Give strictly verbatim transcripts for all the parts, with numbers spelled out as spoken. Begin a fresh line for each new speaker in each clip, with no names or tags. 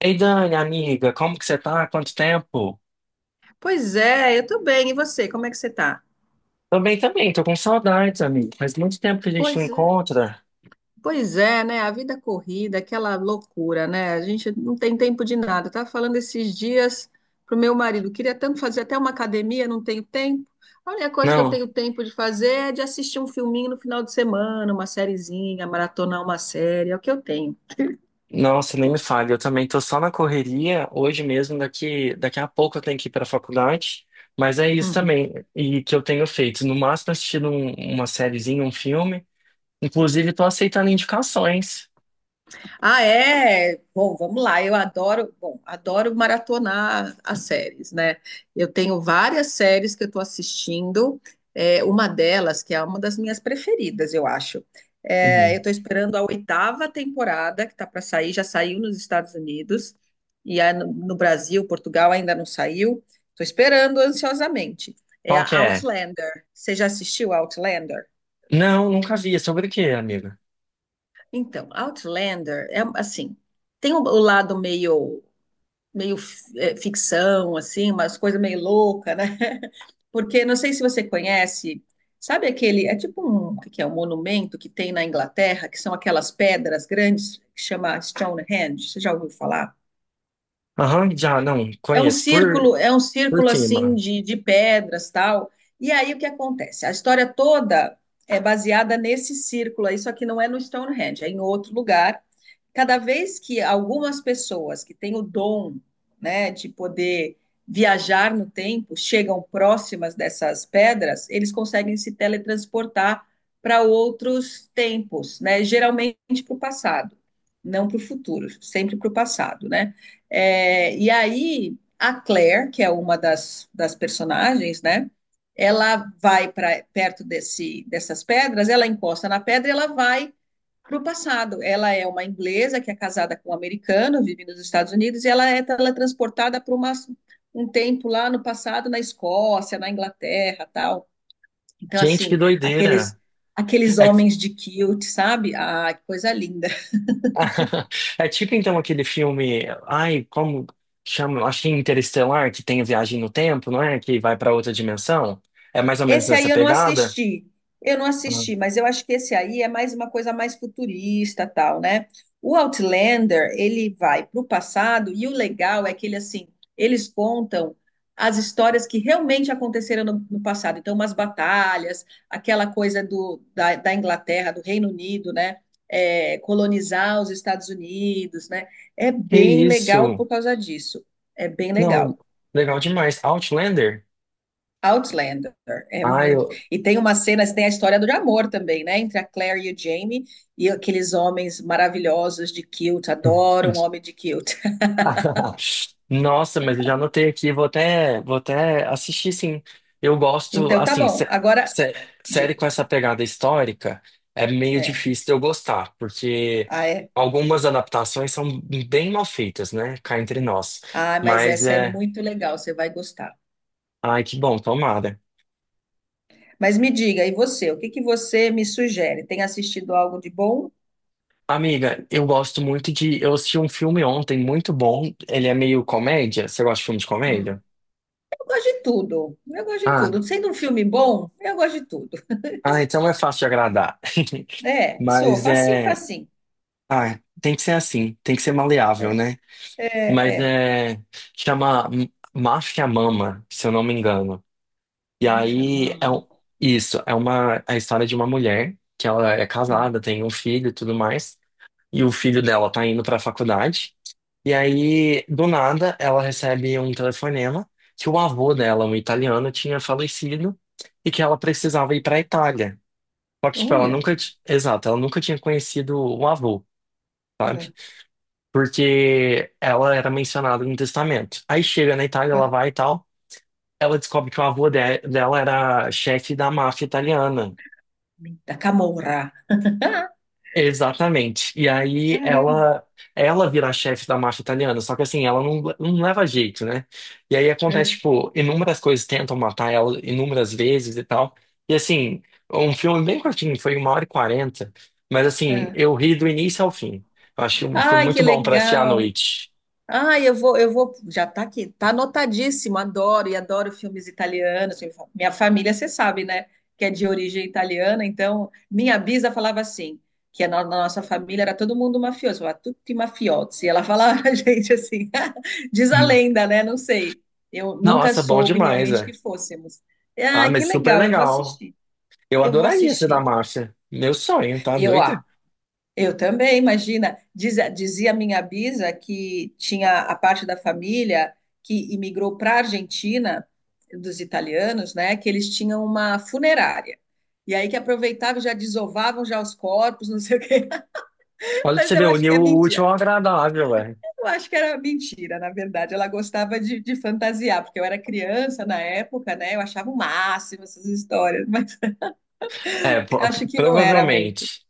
Ei, Dani, amiga, como que você tá? Quanto tempo?
Pois é, eu tô bem. E você, como é que você tá?
Também, também, tô com saudades, amigo. Faz muito tempo que a gente não
Pois é.
encontra.
Pois é, né? A vida corrida, aquela loucura, né? A gente não tem tempo de nada. Eu tava falando esses dias pro meu marido, queria tanto fazer até uma academia, não tenho tempo. A única coisa que eu
Não,
tenho tempo de fazer é de assistir um filminho no final de semana, uma sériezinha, maratonar uma série, é o que eu tenho.
nossa, nem me fale. Eu também tô só na correria. Hoje mesmo, daqui, daqui a pouco eu tenho que ir pra faculdade. Mas é isso
Uhum.
também, e que eu tenho feito. No máximo, assistindo um- uma sériezinha, um filme. Inclusive, tô aceitando indicações.
Ah, é? Bom, vamos lá. Eu adoro, bom, adoro maratonar as séries, né? Eu tenho várias séries que eu estou assistindo. É, uma delas, que é uma das minhas preferidas, eu acho. É, eu
Uhum.
estou esperando a oitava temporada que está para sair, já saiu nos Estados Unidos, e é no, no Brasil, Portugal ainda não saiu. Estou esperando ansiosamente. É
Qual
a
que é?
Outlander. Você já assistiu Outlander?
Não, nunca vi. É sobre o quê, amiga?
Então, Outlander é assim, tem o o lado meio meio é, ficção, assim, umas coisas meio louca, né? Porque não sei se você conhece, sabe aquele, é tipo um, o que que é um monumento que tem na Inglaterra, que são aquelas pedras grandes que chama Stonehenge, você já ouviu falar?
Aham, já não
É um
conheço por,
círculo, é um
por
círculo assim
cima.
de, de pedras, tal. E aí o que acontece? A história toda é baseada nesse círculo aí, só que não é no Stonehenge, é em outro lugar, cada vez que algumas pessoas que têm o dom, né, de poder viajar no tempo, chegam próximas dessas pedras, eles conseguem se teletransportar para outros tempos, né? Geralmente para o passado, não para o futuro, sempre para o passado, né? É, e aí a Claire, que é uma das, das personagens, né? Ela vai para perto desse, dessas pedras, ela encosta na pedra e ela vai para o passado. Ela é uma inglesa que é casada com um americano, vive nos Estados Unidos, e ela é teletransportada para uma, um tempo lá no passado, na Escócia, na Inglaterra, tal. Então,
Gente, que
assim, aqueles
doideira.
aqueles
É, ti-
homens de kilt, sabe? Ah, que coisa linda.
é tipo então aquele filme, ai, como chama? Acho que é Interestelar, que tem a viagem no tempo, não é? Que vai para outra dimensão. É mais ou menos
Esse
nessa
aí eu não
pegada?
assisti. Eu não
Ah,
assisti, mas eu acho que esse aí é mais uma coisa mais futurista, tal, né? O Outlander, ele vai para o passado e o legal é que ele assim, eles contam as histórias que realmente aconteceram no, no passado. Então, umas batalhas, aquela coisa do, da, da Inglaterra, do Reino Unido, né? É, colonizar os Estados Unidos, né? É
que
bem legal
isso?
por causa disso. É bem
Não,
legal.
legal demais. Outlander?
Outlander, é
Ai,
muito.
eu.
E tem uma cena, tem a história do amor também, né? Entre a Claire e o Jamie e aqueles homens maravilhosos de kilt. Adoro um homem de kilt.
Nossa, mas eu já anotei aqui, vou até, vou até assistir sim. Eu gosto,
Então, tá
assim,
bom.
sé-
Agora,
sé- série
diga.
com essa pegada histórica é meio
É.
difícil de eu gostar, porque
Ah, é.
algumas adaptações são bem mal feitas, né? Cá entre nós.
Ah, mas
Mas
essa é
é.
muito legal, você vai gostar.
Ai, que bom, tomada.
Mas me diga, e você? O que que você me sugere? Tem assistido algo de bom?
Amiga, eu gosto muito de. Eu assisti um filme ontem muito bom. Ele é meio comédia. Você gosta de filme de
Hum.
comédia?
Eu gosto de tudo. Eu gosto de tudo.
Ah,
Sendo um filme bom, eu gosto de tudo.
ah, então é fácil de agradar.
É, sou
Mas
facinho,
é.
facinho.
Ah, tem que ser assim, tem que ser maleável,
É,
né?
é,
Mas
é.
é. Chama M- Máfia Mama, se eu não me engano. E
Máfia
aí é
Mama.
um- isso, é uma a história de uma mulher que ela é
Hum.
casada, tem um filho e tudo mais, e o filho dela tá indo pra faculdade. E aí, do nada, ela recebe um telefonema que o avô dela, um italiano, tinha falecido e que ela precisava ir pra Itália. Só que, tipo, ela
Olha,
nunca, t- exato, ela nunca tinha conhecido o avô. Sabe?
aham,
Porque ela era mencionada no testamento. Aí chega na Itália, ela
aham.
vai e tal, ela descobre que o avô de- dela era chefe da máfia italiana.
da Camorra.
Exatamente. E aí
Caramba.
ela ela vira a chefe da máfia italiana, só que assim, ela não, não leva jeito, né? E aí
É,
acontece, tipo, inúmeras coisas tentam matar ela inúmeras vezes e tal. E assim, um filme bem curtinho, foi uma hora e quarenta, mas assim,
é.
eu ri do início ao fim. Eu achei um filme
Ai, que
muito bom pra assistir à
legal.
noite.
Ai, eu vou, eu vou. Já tá aqui, tá anotadíssimo. Adoro e adoro filmes italianos. Minha família, você sabe, né? Que é de origem italiana. Então, minha bisa falava assim, que na na nossa família era todo mundo mafioso, era tutti mafiosi. Ela falava pra gente assim, diz a
Hum.
lenda, né? Não sei. Eu nunca
Nossa, bom
soube
demais,
realmente que
é.
fôssemos.
Ah,
Ah, que
mas super
legal. Eu vou
legal.
assistir.
Eu
Eu vou
adoraria ser da
assistir.
marcha, meu sonho, tá
Eu, ah,
doido?
Eu também, imagina. Diz, dizia minha bisa que tinha a parte da família que imigrou para a Argentina, dos italianos, né? Que eles tinham uma funerária. E aí que aproveitavam, já desovavam já os corpos, não sei o quê.
Olha pra
Mas
você
eu
ver,
acho
unir
que é
o útil
mentira.
ao agradável, velho.
Eu acho que era mentira, na verdade. Ela gostava de, de fantasiar, porque eu era criança na época, né? Eu achava o máximo essas histórias, mas
É, po-
acho que não era muito.
provavelmente.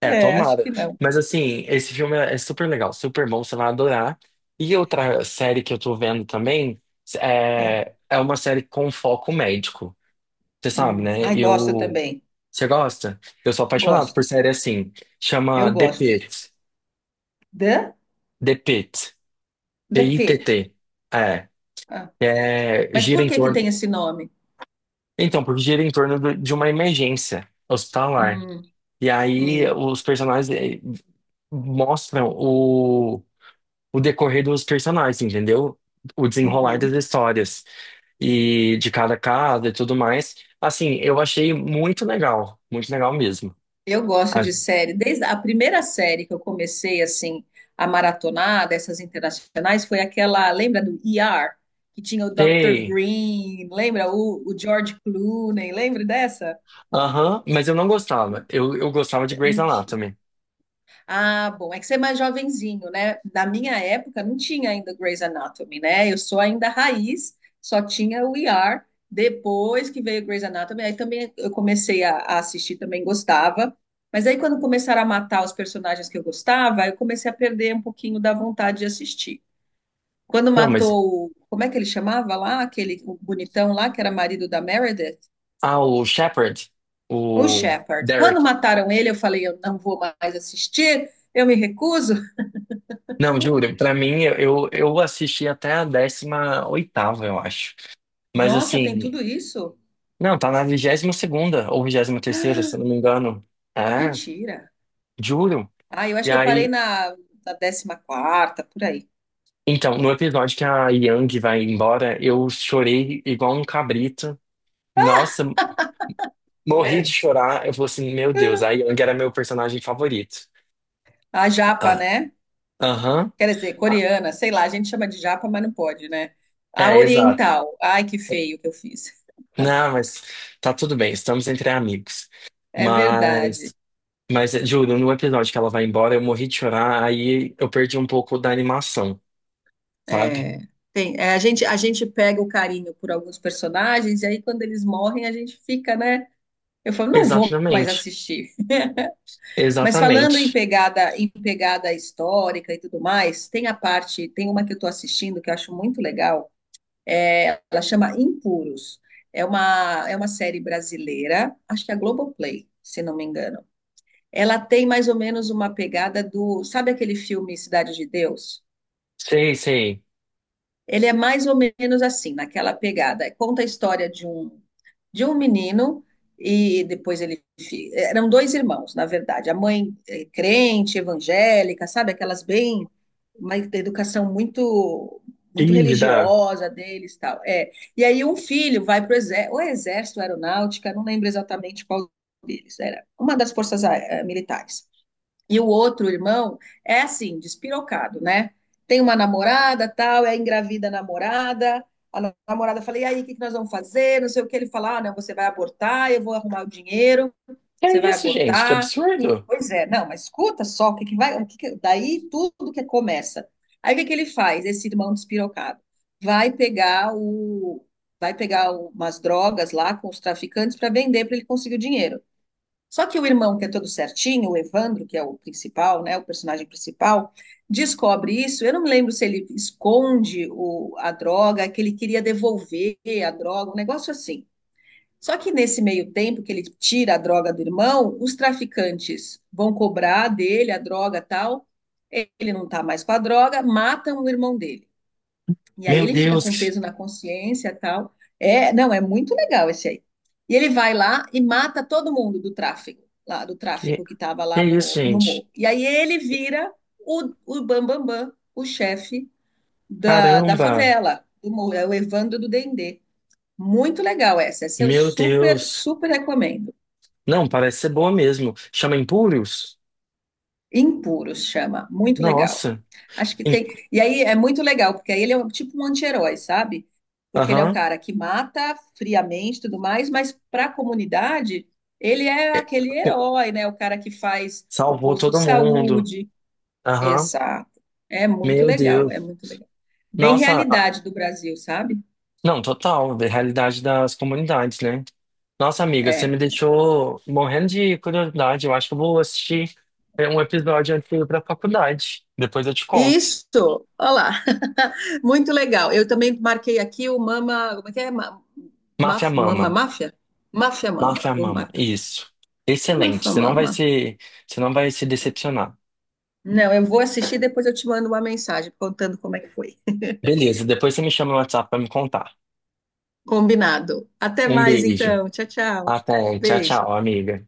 É,
É, acho
tomara.
que não.
Mas assim, esse filme é é super legal, super bom, você vai adorar. E outra série que eu tô vendo também
É.
é, é uma série com foco médico. Você sabe,
Hum.
né?
Ai, gosto
Eu.
também.
Você gosta? Eu sou apaixonado por
Gosto.
série assim.
Eu
Chama The
gosto.
Pitt.
The,
The Pitt.
the Pit.
P I T T.
Ah,
Que É,
mas
gira
por
em
que que
torno.
tem esse nome?
Então, porque gira em torno do- de uma emergência hospitalar.
Hum,
E aí
hum,
os personagens eh, mostram o, o decorrer dos personagens, entendeu? O desenrolar das
uhum.
histórias e de cada casa e tudo mais. Assim, eu achei muito legal, muito legal mesmo.
Eu gosto de série. Desde a primeira série que eu comecei assim a maratonar dessas internacionais foi aquela, lembra do E R, que tinha o doutor
Achei.
Green, lembra o, o George Clooney, lembra dessa?
Aham, mas eu não gostava. Eu, eu gostava de Grey's
Mentira.
Anatomy.
Ah, bom, é que você é mais jovenzinho, né? Na minha época não tinha ainda Grey's Anatomy, né? Eu sou ainda raiz, só tinha o E R. Depois que veio Grey's Anatomy, aí também eu comecei a, a assistir, também gostava. Mas aí quando começaram a matar os personagens que eu gostava, aí eu comecei a perder um pouquinho da vontade de assistir. Quando
Não, mas.
matou, o- como é que ele chamava lá? Aquele o bonitão lá que era marido da Meredith?
Ah, o Shepard,
O
o
Shepard.
Derek.
Quando mataram ele, eu falei, eu não vou mais assistir, eu me recuso.
Não, juro, pra mim, eu, eu assisti até a décima oitava, eu acho. Mas
Nossa, tem
assim,
tudo isso?
não, tá na vigésima segunda ou vigésima terceira, se eu não me engano. É,
Mentira.
juro.
Ah, eu acho
E
que eu parei
aí,
na, na décima quarta, por aí.
então, no episódio que a Yang vai embora, eu chorei igual um cabrito. Nossa, morri de chorar. Eu falei assim, meu Deus, a Yang era meu personagem favorito.
A japa,
Ah,
né?
aham.
Quer dizer,
Ah,
coreana, sei lá, a gente chama de japa, mas não pode, né? A
é, exato.
oriental. Ai, que feio que eu fiz.
Não, mas tá tudo bem, estamos entre amigos.
É verdade.
Mas Mas, eh, juro, no episódio que ela vai embora, eu morri de chorar, aí eu perdi um pouco da animação, sabe?
É, tem, é, a gente, a gente pega o carinho por alguns personagens e aí quando eles morrem a gente fica, né? Eu falo, não vou mais
Exatamente,
assistir. Mas falando em
exatamente.
pegada, em pegada histórica e tudo mais, tem a parte, tem uma que eu estou assistindo que eu acho muito legal. É, ela chama Impuros. É uma, é uma série brasileira, acho que é a Globoplay, se não me engano. Ela tem mais ou menos uma pegada do. Sabe aquele filme Cidade de Deus?
Sei, sei.
Ele é mais ou menos assim, naquela pegada. Conta a história de um, de um menino e depois ele. fi- Eram dois irmãos, na verdade. A mãe é crente, evangélica, sabe? Aquelas bem. Uma educação muito muito
Ih, dá.
religiosa deles, tal. É. E aí um filho vai para o exército, aeronáutica, não lembro exatamente qual deles, era uma das forças ah, militares. E o outro irmão é assim, despirocado, né? Tem uma namorada, tal, é engravida a namorada. A namorada fala: "E aí, o que que nós vamos fazer?" Não sei o que ele fala: "Ah, não, você vai abortar, eu vou arrumar o dinheiro,
Que é
você vai
isso, gente? Que
abortar".
absurdo!
Pois é, não, mas escuta só o que que vai, o que que- daí tudo que começa. Aí o que que ele faz, esse irmão despirocado? Vai pegar o vai pegar o- umas drogas lá com os traficantes para vender para ele conseguir o dinheiro. Só que o irmão, que é todo certinho, o Evandro, que é o principal, né, o personagem principal, descobre isso. Eu não me lembro se ele esconde o, a droga, que ele queria devolver a droga, um negócio assim. Só que nesse meio tempo que ele tira a droga do irmão, os traficantes vão cobrar dele a droga e tal. Ele não está mais com a droga, matam o irmão dele. E aí
Meu
ele fica
Deus,
com
que,
peso na consciência e tal. É, não, é muito legal esse aí. E ele vai lá e mata todo mundo do tráfico, lá do
que
tráfico que estava
que é
lá
isso,
no, no
gente?
morro. E aí ele vira o, o Bam Bam Bam, o chefe da, da
Caramba!
favela, do morro, é o Evandro do Dendê. Muito legal essa, essa eu
Meu
super,
Deus!
super recomendo.
Não, parece ser boa mesmo. Chama Impúrios?
Impuros chama, muito legal.
Nossa!
Acho que
Em-
tem. E aí é muito legal, porque aí ele é um- tipo um anti-herói, sabe? Porque ele é o
Aham.
cara que mata friamente e tudo mais, mas para a comunidade, ele é
É.
aquele
O-
herói, né? O cara que faz o
Salvou
posto de
todo mundo.
saúde.
Aham.
Exato. É muito
Meu
legal, é
Deus.
muito legal. Bem
Nossa,
realidade do Brasil, sabe?
não, total, da realidade das comunidades, né? Nossa, amiga, você
É.
me deixou morrendo de curiosidade. Eu acho que eu vou assistir é, um episódio antes de ir pra faculdade. Depois eu te conto.
Isso, olha lá. Muito legal. Eu também marquei aqui o Mama. Como é que é? Ma-
Máfia
Maf- Mama
Mama.
Máfia? Máfia Mama.
Máfia
Vou
Mama,
marcar aqui.
isso. Excelente.
Máfia
Você não vai
Mama.
se, você não vai se decepcionar.
Não, eu vou assistir, e depois eu te mando uma mensagem contando como é que foi.
Beleza, depois você me chama no WhatsApp pra me contar.
Combinado. Até
Um
mais
beijo.
então. Tchau, tchau.
Até. Tchau,
Beijo.
tchau, amiga.